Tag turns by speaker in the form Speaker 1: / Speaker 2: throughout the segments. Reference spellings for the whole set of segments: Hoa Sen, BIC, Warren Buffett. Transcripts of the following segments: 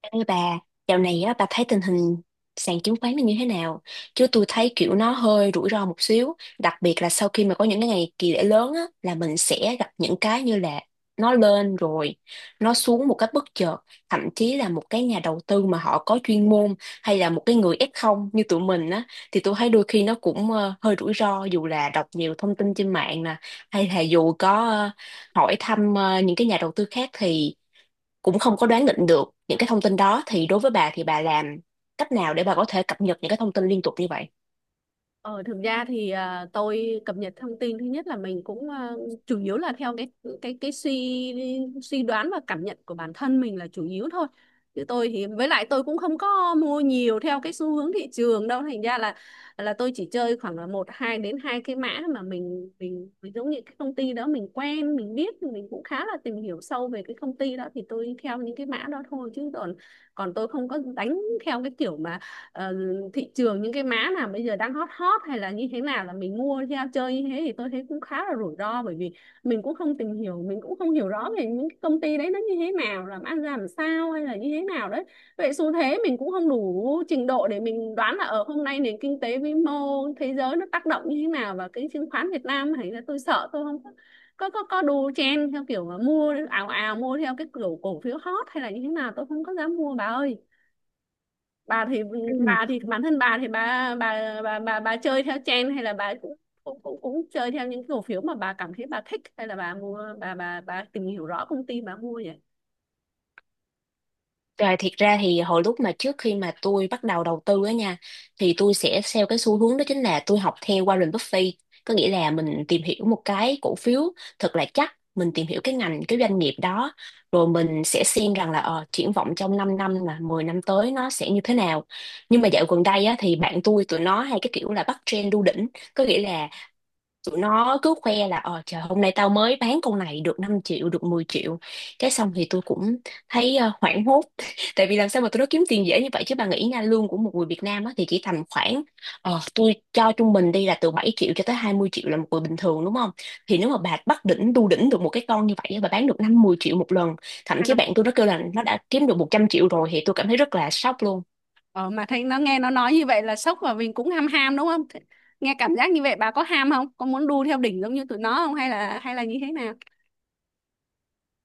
Speaker 1: Ê bà, dạo này á, bà thấy tình hình sàn chứng khoán nó như thế nào? Chứ tôi thấy kiểu nó hơi rủi ro một xíu, đặc biệt là sau khi mà có những cái ngày kỳ lễ lớn á, là mình sẽ gặp những cái như là nó lên rồi, nó xuống một cách bất chợt, thậm chí là một cái nhà đầu tư mà họ có chuyên môn hay là một cái người ép không như tụi mình á, thì tôi thấy đôi khi nó cũng hơi rủi ro dù là đọc nhiều thông tin trên mạng nè, hay là dù có hỏi thăm những cái nhà đầu tư khác thì cũng không có đoán định được những cái thông tin đó. Thì đối với bà thì bà làm cách nào để bà có thể cập nhật những cái thông tin liên tục như vậy?
Speaker 2: Ờ, thực ra thì tôi cập nhật thông tin thứ nhất là mình cũng chủ yếu là theo cái suy suy đoán và cảm nhận của bản thân mình là chủ yếu thôi. Chứ tôi thì với lại tôi cũng không có mua nhiều theo cái xu hướng thị trường đâu. Thành ra là tôi chỉ chơi khoảng là một hai đến hai cái mã mà mình giống như cái công ty đó mình quen mình biết mình cũng khá là tìm hiểu sâu về cái công ty đó thì tôi theo những cái mã đó thôi, chứ còn còn tôi không có đánh theo cái kiểu mà ờ, thị trường những cái mã nào bây giờ đang hot hot hay là như thế nào là mình mua theo chơi như thế thì tôi thấy cũng khá là rủi ro, bởi vì mình cũng không tìm hiểu, mình cũng không hiểu rõ về những cái công ty đấy nó như thế nào, làm ăn ra làm sao hay là như thế nào đấy. Vậy xu thế mình cũng không đủ trình độ để mình đoán là ở hôm nay nền kinh tế vĩ mô thế giới nó tác động như thế nào và cái chứng khoán Việt Nam, hay là tôi sợ tôi không có đu chen theo kiểu mà mua ào ào, mua theo cái kiểu cổ phiếu hot hay là như thế nào tôi không có dám mua bà ơi. Bà thì
Speaker 1: Ừ.
Speaker 2: bà thì bản thân bà thì bà bà chơi theo trend hay là bà cũng cũng cũng cũng chơi theo những cổ phiếu mà bà cảm thấy bà thích, hay là bà mua, bà bà tìm hiểu rõ công ty bà mua vậy?
Speaker 1: Rồi thiệt ra thì hồi lúc mà trước khi mà tôi bắt đầu đầu tư á nha, thì tôi sẽ theo cái xu hướng đó, chính là tôi học theo Warren Buffett, có nghĩa là mình tìm hiểu một cái cổ phiếu thật là chắc, mình tìm hiểu cái ngành, cái doanh nghiệp đó, rồi mình sẽ xem rằng là triển vọng trong 5 năm là 10 năm tới nó sẽ như thế nào. Nhưng mà dạo gần đây á, thì bạn tôi tụi nó hay cái kiểu là bắt trend đu đỉnh, có nghĩa là tụi nó cứ khoe là ờ trời, hôm nay tao mới bán con này được 5 triệu, được 10 triệu. Cái xong thì tôi cũng thấy hoảng hốt tại vì làm sao mà tụi nó kiếm tiền dễ như vậy chứ. Bà nghĩ nha, lương của một người Việt Nam á, thì chỉ tầm khoảng tôi cho trung bình đi là từ 7 triệu cho tới 20 triệu là một người bình thường, đúng không? Thì nếu mà bà bắt đỉnh đu đỉnh được một cái con như vậy á, bà bán được 5 10 triệu một lần, thậm
Speaker 2: À,
Speaker 1: chí bạn tôi nó kêu là nó đã kiếm được 100 triệu rồi, thì tôi cảm thấy rất là sốc luôn.
Speaker 2: Ờ, mà thấy nó, nghe nó nói như vậy là sốc và mình cũng ham ham đúng không? Nghe cảm giác như vậy bà có ham không? Có muốn đu theo đỉnh giống như tụi nó không, hay là như thế nào?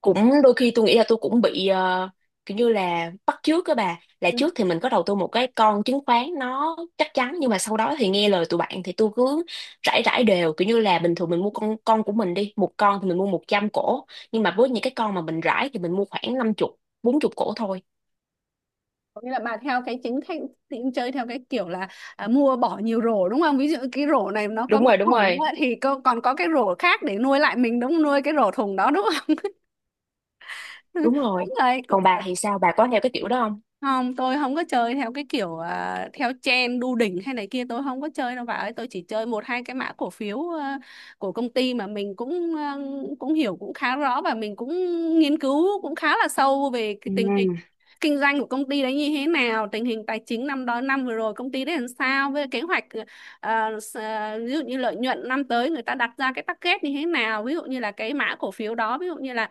Speaker 1: Cũng đôi khi tôi nghĩ là tôi cũng bị kiểu như là bắt chước các bà, là trước thì mình có đầu tư một cái con chứng khoán nó chắc chắn, nhưng mà sau đó thì nghe lời tụi bạn thì tôi cứ rải, rải đều, kiểu như là bình thường mình mua con của mình đi, một con thì mình mua 100 cổ, nhưng mà với những cái con mà mình rải thì mình mua khoảng 50, 40 cổ thôi.
Speaker 2: Có nghĩa là bà theo cái chính khách thì cũng chơi theo cái kiểu là mua bỏ nhiều rổ đúng không? Ví dụ cái rổ này nó có
Speaker 1: Đúng
Speaker 2: bị
Speaker 1: rồi, đúng
Speaker 2: hỏng đúng không
Speaker 1: rồi,
Speaker 2: ạ? Thì cô còn có cái rổ khác để nuôi lại mình đúng không? Nuôi cái rổ thùng đó đúng không?
Speaker 1: đúng rồi.
Speaker 2: Đúng rồi, cũng
Speaker 1: Còn bà thì sao, bà có theo cái kiểu đó không?
Speaker 2: không, tôi không có chơi theo cái kiểu theo trend đu đỉnh hay này kia, tôi không có chơi đâu bà ơi. Tôi chỉ chơi một hai cái mã cổ phiếu của công ty mà mình cũng cũng hiểu cũng khá rõ, và mình cũng nghiên cứu cũng khá là sâu về cái
Speaker 1: Ừ.
Speaker 2: tình hình kinh doanh của công ty đấy như thế nào, tình hình tài chính năm đó, năm vừa rồi công ty đấy làm sao, với kế hoạch ví dụ như lợi nhuận năm tới người ta đặt ra cái target như thế nào, ví dụ như là cái mã cổ phiếu đó, ví dụ như là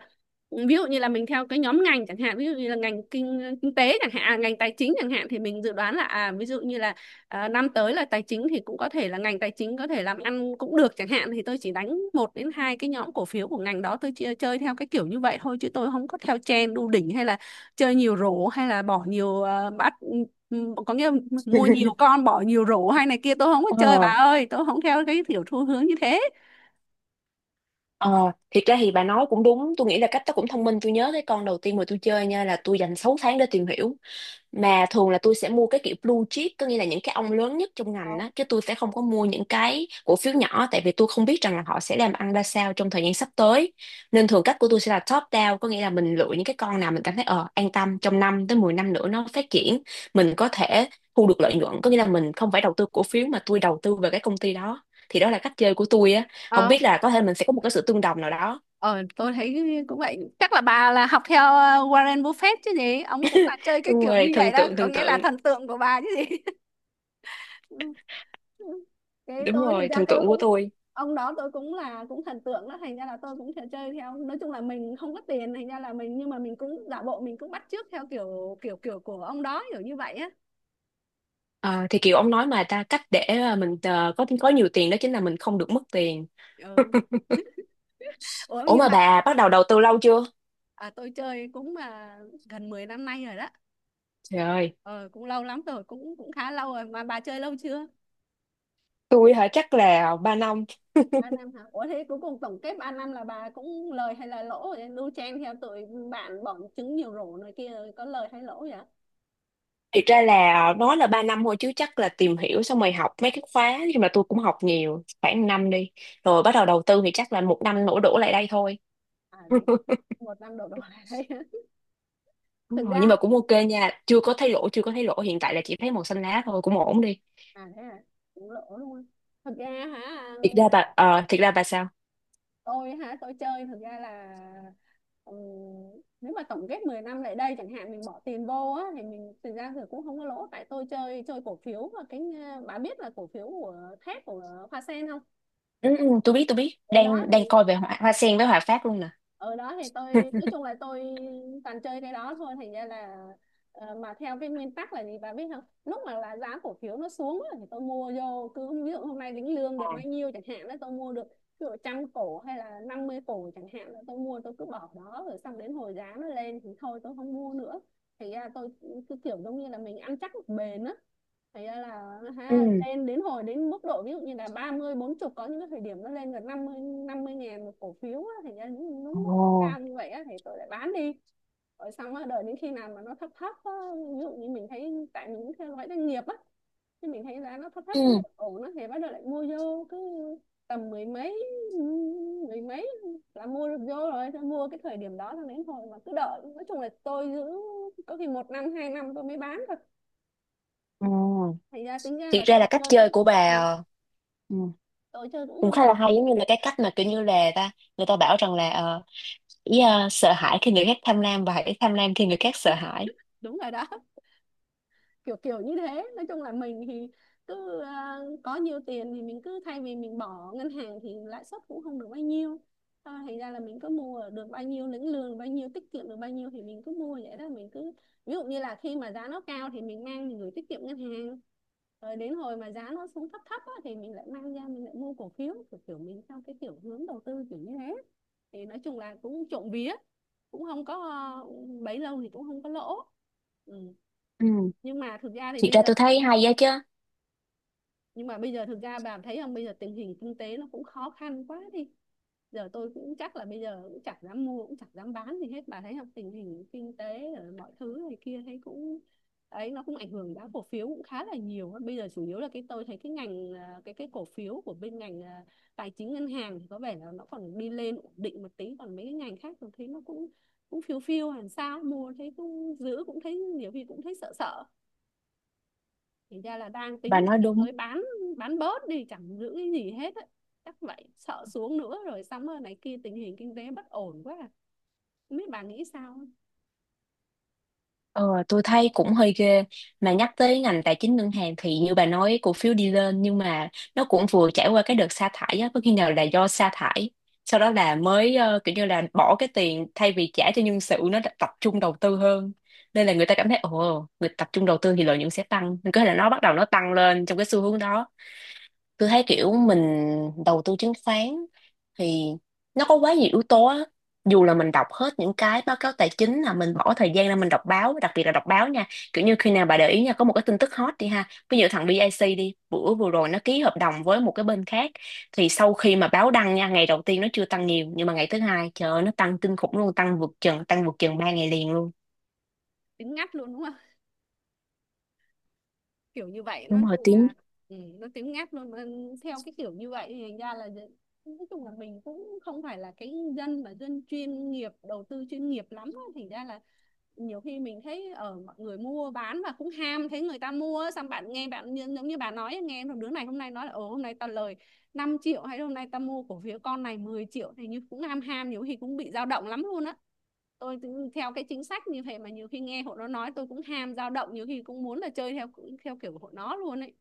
Speaker 2: mình theo cái nhóm ngành chẳng hạn, ví dụ như là ngành kinh kinh tế chẳng hạn, ngành tài chính chẳng hạn, thì mình dự đoán là à ví dụ như là năm tới là tài chính thì cũng có thể là ngành tài chính có thể làm ăn cũng được chẳng hạn, thì tôi chỉ đánh một đến hai cái nhóm cổ phiếu của ngành đó tôi chơi, theo cái kiểu như vậy thôi, chứ tôi không có theo trend đu đỉnh hay là chơi nhiều rổ hay là bỏ nhiều có nghĩa là mua nhiều con bỏ nhiều rổ hay này kia tôi không có chơi bà
Speaker 1: Ờ,
Speaker 2: ơi, tôi không theo cái kiểu xu hướng như thế.
Speaker 1: ờ, thiệt ra thì bà nói cũng đúng. Tôi nghĩ là cách đó cũng thông minh. Tôi nhớ cái con đầu tiên mà tôi chơi nha, là tôi dành 6 tháng để tìm hiểu, mà thường là tôi sẽ mua cái kiểu blue chip, có nghĩa là những cái ông lớn nhất trong ngành á, chứ tôi sẽ không có mua những cái cổ phiếu nhỏ, tại vì tôi không biết rằng là họ sẽ làm ăn ra sao trong thời gian sắp tới. Nên thường cách của tôi sẽ là top down, có nghĩa là mình lựa những cái con nào mình cảm thấy ờ an tâm trong 5 tới 10 năm nữa nó phát triển, mình có thể thu được lợi nhuận, có nghĩa là mình không phải đầu tư cổ phiếu, mà tôi đầu tư về cái công ty đó. Thì đó là cách chơi của tôi á, không
Speaker 2: Ờ,
Speaker 1: biết là có thể mình sẽ có một cái sự tương đồng nào đó.
Speaker 2: Ờ, tôi thấy cũng vậy. Chắc là bà là học theo Warren Buffett chứ gì? Ông cũng là chơi cái
Speaker 1: Đúng
Speaker 2: kiểu
Speaker 1: rồi,
Speaker 2: như vậy
Speaker 1: thần
Speaker 2: đó.
Speaker 1: tượng,
Speaker 2: Có
Speaker 1: thần
Speaker 2: nghĩa là
Speaker 1: tượng.
Speaker 2: thần tượng của bà chứ gì? Ừ, ừ. Thế
Speaker 1: Đúng
Speaker 2: tôi thực
Speaker 1: rồi,
Speaker 2: ra
Speaker 1: thần
Speaker 2: tôi
Speaker 1: tượng của
Speaker 2: cũng
Speaker 1: tôi.
Speaker 2: ông đó, tôi cũng là cũng thần tượng đó, thành ra là tôi cũng thể chơi theo. Nói chung là mình không có tiền, thành ra là mình, nhưng mà mình cũng giả bộ mình cũng bắt chước theo kiểu kiểu kiểu của ông đó kiểu như vậy á.
Speaker 1: Ờ, thì kiểu ông nói mà ta, cách để mình có nhiều tiền đó chính là mình không được mất tiền.
Speaker 2: Ừ. Ủa
Speaker 1: Ủa
Speaker 2: nhưng
Speaker 1: mà
Speaker 2: mà
Speaker 1: bà bắt đầu đầu tư lâu chưa?
Speaker 2: tôi chơi cũng gần 10 năm nay rồi đó.
Speaker 1: Trời ơi,
Speaker 2: Ờ, Cũng lâu lắm rồi, cũng cũng khá lâu rồi, mà bà chơi lâu chưa?
Speaker 1: tôi hả, chắc là 3 năm.
Speaker 2: 3 năm hả? Ủa thế cuối cùng tổng kết 3 năm là bà cũng lời hay là lỗ vậy? Đu chen theo tụi bạn bọn trứng nhiều rổ này kia rồi có lời hay lỗ vậy?
Speaker 1: Thiệt ra là nói là 3 năm thôi chứ chắc là tìm hiểu xong rồi học mấy cái khóa, nhưng mà tôi cũng học nhiều, khoảng 5 đi.
Speaker 2: Không.
Speaker 1: Rồi bắt đầu đầu tư thì chắc là 1 năm nổ đổ lại đây thôi.
Speaker 2: À thế một năm đổ đổ lại đấy.
Speaker 1: Đúng
Speaker 2: Thực
Speaker 1: rồi, nhưng mà
Speaker 2: ra
Speaker 1: cũng ok nha, chưa có thấy lỗ, chưa có thấy lỗ, hiện tại là chỉ thấy màu xanh lá thôi, cũng ổn đi.
Speaker 2: à thế à cũng lỗ luôn. Thực ra hả?
Speaker 1: Thiệt ra bà ờ, thiệt ra bà sao?
Speaker 2: Tôi hả? Tôi chơi thực ra là ừm, nếu mà tổng kết 10 năm lại đây chẳng hạn mình bỏ tiền vô á thì mình, thực ra thì cũng không có lỗ, tại tôi chơi chơi cổ phiếu và cái bà biết là cổ phiếu của thép của Hoa Sen không?
Speaker 1: Ừ, ừ, tôi biết,
Speaker 2: Từ đó
Speaker 1: đang đang
Speaker 2: thì
Speaker 1: coi về hoa, hoa sen với hòa phát luôn nè.
Speaker 2: ở đó thì tôi nói chung là tôi toàn chơi cái đó thôi, thành ra là mà theo cái nguyên tắc là gì bà biết không, lúc mà là giá cổ phiếu nó xuống á, thì tôi mua vô, cứ ví dụ hôm nay lĩnh lương được bao nhiêu chẳng hạn đó tôi mua được ví dụ 100 cổ hay là 50 cổ chẳng hạn là tôi mua. Tôi cứ bỏ đó rồi xong đến hồi giá nó lên thì thôi tôi không mua nữa. Thì ra tôi cứ kiểu giống như là mình ăn chắc bền á. Thì ra là ha,
Speaker 1: Ừ.
Speaker 2: lên đến hồi đến mức độ ví dụ như là 34 40, có những cái thời điểm nó lên gần năm mươi ngàn một cổ phiếu á, thành ra những lúc
Speaker 1: Ồ.
Speaker 2: cao như vậy á, thì tôi lại bán đi, rồi xong á đợi đến khi nào mà nó thấp thấp á, ví dụ như mình thấy tại mình cũng theo dõi doanh nghiệp á, thì mình thấy giá nó thấp thấp
Speaker 1: Ừ.
Speaker 2: cũng ổn á thì bắt đầu lại mua vô. Cứ tầm mười mấy là mua được vô rồi. Thế mua cái thời điểm đó là đến hồi mà cứ đợi, nói chung là tôi giữ có khi một năm 2 năm tôi mới bán thôi,
Speaker 1: Ồ.
Speaker 2: thành ra tính ra
Speaker 1: Thiệt
Speaker 2: là
Speaker 1: ra là cách chơi của bà ừ,
Speaker 2: tôi chơi cũng
Speaker 1: cũng
Speaker 2: không
Speaker 1: khá
Speaker 2: có.
Speaker 1: là hay, giống như là cái cách mà kiểu như là người ta bảo rằng là sợ hãi khi người khác tham lam và hãy tham lam khi người khác sợ hãi.
Speaker 2: Đúng rồi đó, kiểu kiểu như thế. Nói chung là mình thì cứ có nhiều tiền thì mình cứ, thay vì mình bỏ ngân hàng thì lãi suất cũng không được bao nhiêu. Thôi thành ra là mình cứ mua, được bao nhiêu lĩnh lương, bao nhiêu tiết kiệm được bao nhiêu thì mình cứ mua vậy đó. Mình cứ ví dụ như là khi mà giá nó cao thì mình mang mình gửi tiết kiệm ngân hàng, rồi đến hồi mà giá nó xuống thấp thấp á, thì mình lại mang ra mình lại mua cổ phiếu, kiểu kiểu mình theo cái kiểu hướng đầu tư kiểu như thế. Thì nói chung là cũng trộm vía cũng không có, bấy lâu thì cũng không có lỗ. ừ
Speaker 1: Ừ.
Speaker 2: nhưng mà thực ra thì
Speaker 1: Thiệt
Speaker 2: bây
Speaker 1: ra
Speaker 2: giờ,
Speaker 1: tôi thấy hay á chứ.
Speaker 2: nhưng mà bây giờ thực ra bà thấy không, bây giờ tình hình kinh tế nó cũng khó khăn quá đi. Giờ tôi cũng, chắc là bây giờ cũng chẳng dám mua cũng chẳng dám bán gì hết, bà thấy không, tình hình kinh tế rồi mọi thứ này kia thấy cũng ấy, nó cũng ảnh hưởng giá cổ phiếu cũng khá là nhiều. Bây giờ chủ yếu là cái tôi thấy cái ngành cái cổ phiếu của bên ngành tài chính ngân hàng thì có vẻ là nó còn đi lên ổn định một tí, còn mấy cái ngành khác tôi thấy nó cũng cũng phiêu phiêu làm sao mua thấy cũng giữ cũng thấy, nhiều khi cũng thấy sợ sợ. Thì ra là đang
Speaker 1: Bà
Speaker 2: tính là
Speaker 1: nói
Speaker 2: sắp
Speaker 1: đúng.
Speaker 2: tới bán bớt đi chẳng giữ cái gì hết ấy. Chắc vậy, sợ xuống nữa rồi xong rồi này kia, tình hình kinh tế bất ổn quá à. Không biết bà nghĩ sao.
Speaker 1: Ờ, tôi thấy cũng hơi ghê, mà nhắc tới ngành tài chính ngân hàng thì như bà nói cổ phiếu đi lên, nhưng mà nó cũng vừa trải qua cái đợt sa thải á, có khi nào là do sa thải, sau đó là mới kiểu như là bỏ cái tiền thay vì trả cho nhân sự, nó đã tập trung đầu tư hơn, nên là người ta cảm thấy ồ, người tập trung đầu tư thì lợi nhuận sẽ tăng, nên có thể là nó bắt đầu nó tăng lên trong cái xu hướng đó. Tôi thấy kiểu mình đầu tư chứng khoán thì nó có quá nhiều yếu tố á, dù là mình đọc hết những cái báo cáo tài chính, là mình bỏ thời gian ra mình đọc báo, đặc biệt là đọc báo nha. Kiểu như khi nào bà để ý nha, có một cái tin tức hot đi ha, ví dụ thằng BIC đi, bữa vừa rồi nó ký hợp đồng với một cái bên khác, thì sau khi mà báo đăng nha, ngày đầu tiên nó chưa tăng nhiều, nhưng mà ngày thứ hai trời ơi, nó tăng kinh khủng luôn, tăng vượt chừng 3 ngày liền luôn.
Speaker 2: Tính ngắt luôn đúng kiểu như vậy, nó
Speaker 1: Đúng rồi,
Speaker 2: chung
Speaker 1: tiếng.
Speaker 2: là nó tiếng ngáp luôn mà theo cái kiểu như vậy. Thì thành ra là nói chung là mình cũng không phải là cái dân mà dân chuyên nghiệp, đầu tư chuyên nghiệp lắm á. Thành ra là nhiều khi mình thấy ở mọi người mua bán và cũng ham, thấy người ta mua xong bạn, nghe bạn giống như bà nói, nghe thằng đứa này hôm nay nói là ồ hôm nay tao lời 5 triệu, hay hôm nay ta mua cổ phiếu con này 10 triệu, thì như cũng ham ham, nhiều khi cũng bị dao động lắm luôn á. Tôi theo cái chính sách như vậy mà nhiều khi nghe hội nó nói tôi cũng ham dao động, nhiều khi cũng muốn là chơi theo theo kiểu của hội nó luôn ấy.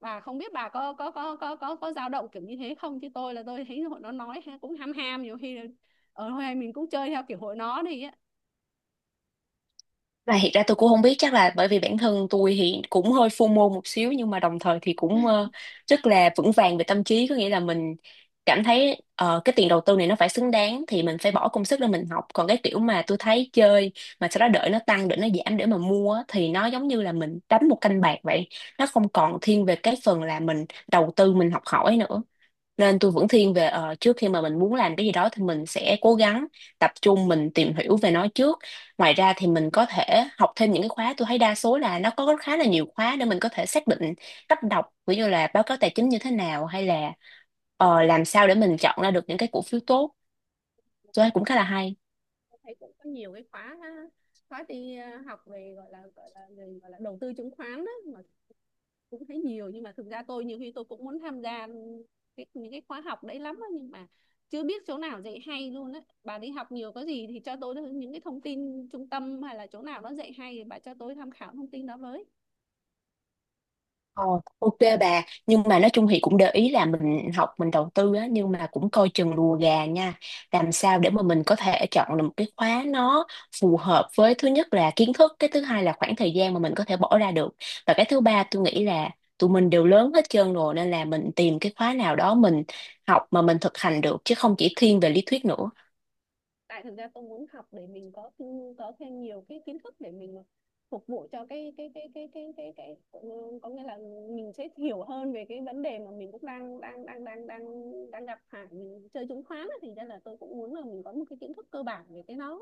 Speaker 2: Và không biết bà có dao động kiểu như thế không, chứ tôi là tôi thấy hội nó nói cũng ham ham, nhiều khi là ở thôi mình cũng chơi theo kiểu hội nó đi á.
Speaker 1: Và hiện ra tôi cũng không biết, chắc là bởi vì bản thân tôi thì cũng hơi FOMO một xíu, nhưng mà đồng thời thì cũng rất là vững vàng về tâm trí, có nghĩa là mình cảm thấy cái tiền đầu tư này nó phải xứng đáng thì mình phải bỏ công sức để mình học. Còn cái kiểu mà tôi thấy chơi mà sau đó đợi nó tăng đợi nó giảm để mà mua á, thì nó giống như là mình đánh một canh bạc vậy, nó không còn thiên về cái phần là mình đầu tư mình học hỏi nữa. Nên tôi vẫn thiên về trước khi mà mình muốn làm cái gì đó thì mình sẽ cố gắng tập trung mình tìm hiểu về nó trước. Ngoài ra thì mình có thể học thêm những cái khóa, tôi thấy đa số là nó có khá là nhiều khóa để mình có thể xác định cách đọc ví dụ là báo cáo tài chính như thế nào, hay là làm sao để mình chọn ra được những cái cổ phiếu tốt, tôi thấy cũng khá là hay.
Speaker 2: Tôi thấy cũng có nhiều cái khóa khóa đi học về gọi là đầu tư chứng khoán đó, mà cũng thấy nhiều. Nhưng mà thực ra tôi nhiều khi tôi cũng muốn tham gia cái, những cái khóa học đấy lắm á, nhưng mà chưa biết chỗ nào dạy hay luôn á. Bà đi học nhiều có gì thì cho tôi những cái thông tin trung tâm hay là chỗ nào nó dạy hay thì bà cho tôi tham khảo thông tin đó với.
Speaker 1: Ờ, ok bà, nhưng mà nói chung thì cũng để ý là mình học mình đầu tư á, nhưng mà cũng coi chừng lùa gà nha. Làm sao để mà mình có thể chọn được một cái khóa nó phù hợp với thứ nhất là kiến thức, cái thứ hai là khoảng thời gian mà mình có thể bỏ ra được, và cái thứ ba tôi nghĩ là tụi mình đều lớn hết trơn rồi, nên là mình tìm cái khóa nào đó mình học mà mình thực hành được, chứ không chỉ thiên về lý thuyết nữa.
Speaker 2: Tại thực ra tôi muốn học để mình có thêm nhiều cái kiến thức để mình phục vụ cho cái, có nghĩa là mình sẽ hiểu hơn về cái vấn đề mà mình cũng đang đang đang đang đang đang gặp phải. Mình chơi chứng khoán thì ra là tôi cũng muốn là mình có một cái kiến thức cơ bản về cái nó.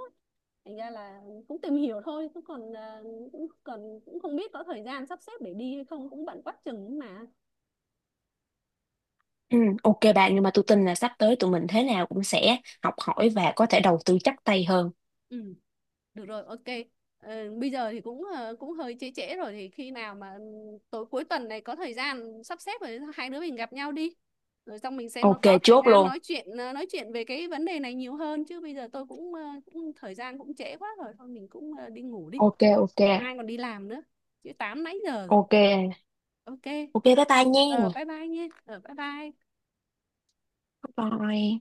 Speaker 2: Thành ra là cũng tìm hiểu thôi, cũng còn cũng không biết có thời gian sắp xếp để đi hay không, cũng bận quá chừng ấy mà.
Speaker 1: Ừ, ok bạn, nhưng mà tôi tin là sắp tới tụi mình thế nào cũng sẽ học hỏi và có thể đầu tư chắc tay hơn.
Speaker 2: Ừ. Được rồi, ok. Bây giờ thì cũng cũng hơi trễ trễ rồi, thì khi nào mà tối cuối tuần này có thời gian sắp xếp rồi hai đứa mình gặp nhau đi. Rồi xong mình sẽ nó
Speaker 1: Ok,
Speaker 2: có thời
Speaker 1: chốt
Speaker 2: gian
Speaker 1: luôn.
Speaker 2: nói chuyện, nói chuyện về cái vấn đề này nhiều hơn, chứ bây giờ tôi cũng, cũng thời gian cũng trễ quá rồi, thôi mình cũng đi ngủ đi.
Speaker 1: Ok. Ok.
Speaker 2: Để mai còn đi làm nữa. Chứ 8 nãy giờ rồi.
Speaker 1: Ok,
Speaker 2: Ok.
Speaker 1: ok bye bye
Speaker 2: Ờ
Speaker 1: nha.
Speaker 2: Bye bye nhé. Ờ Bye bye.
Speaker 1: Bye bye.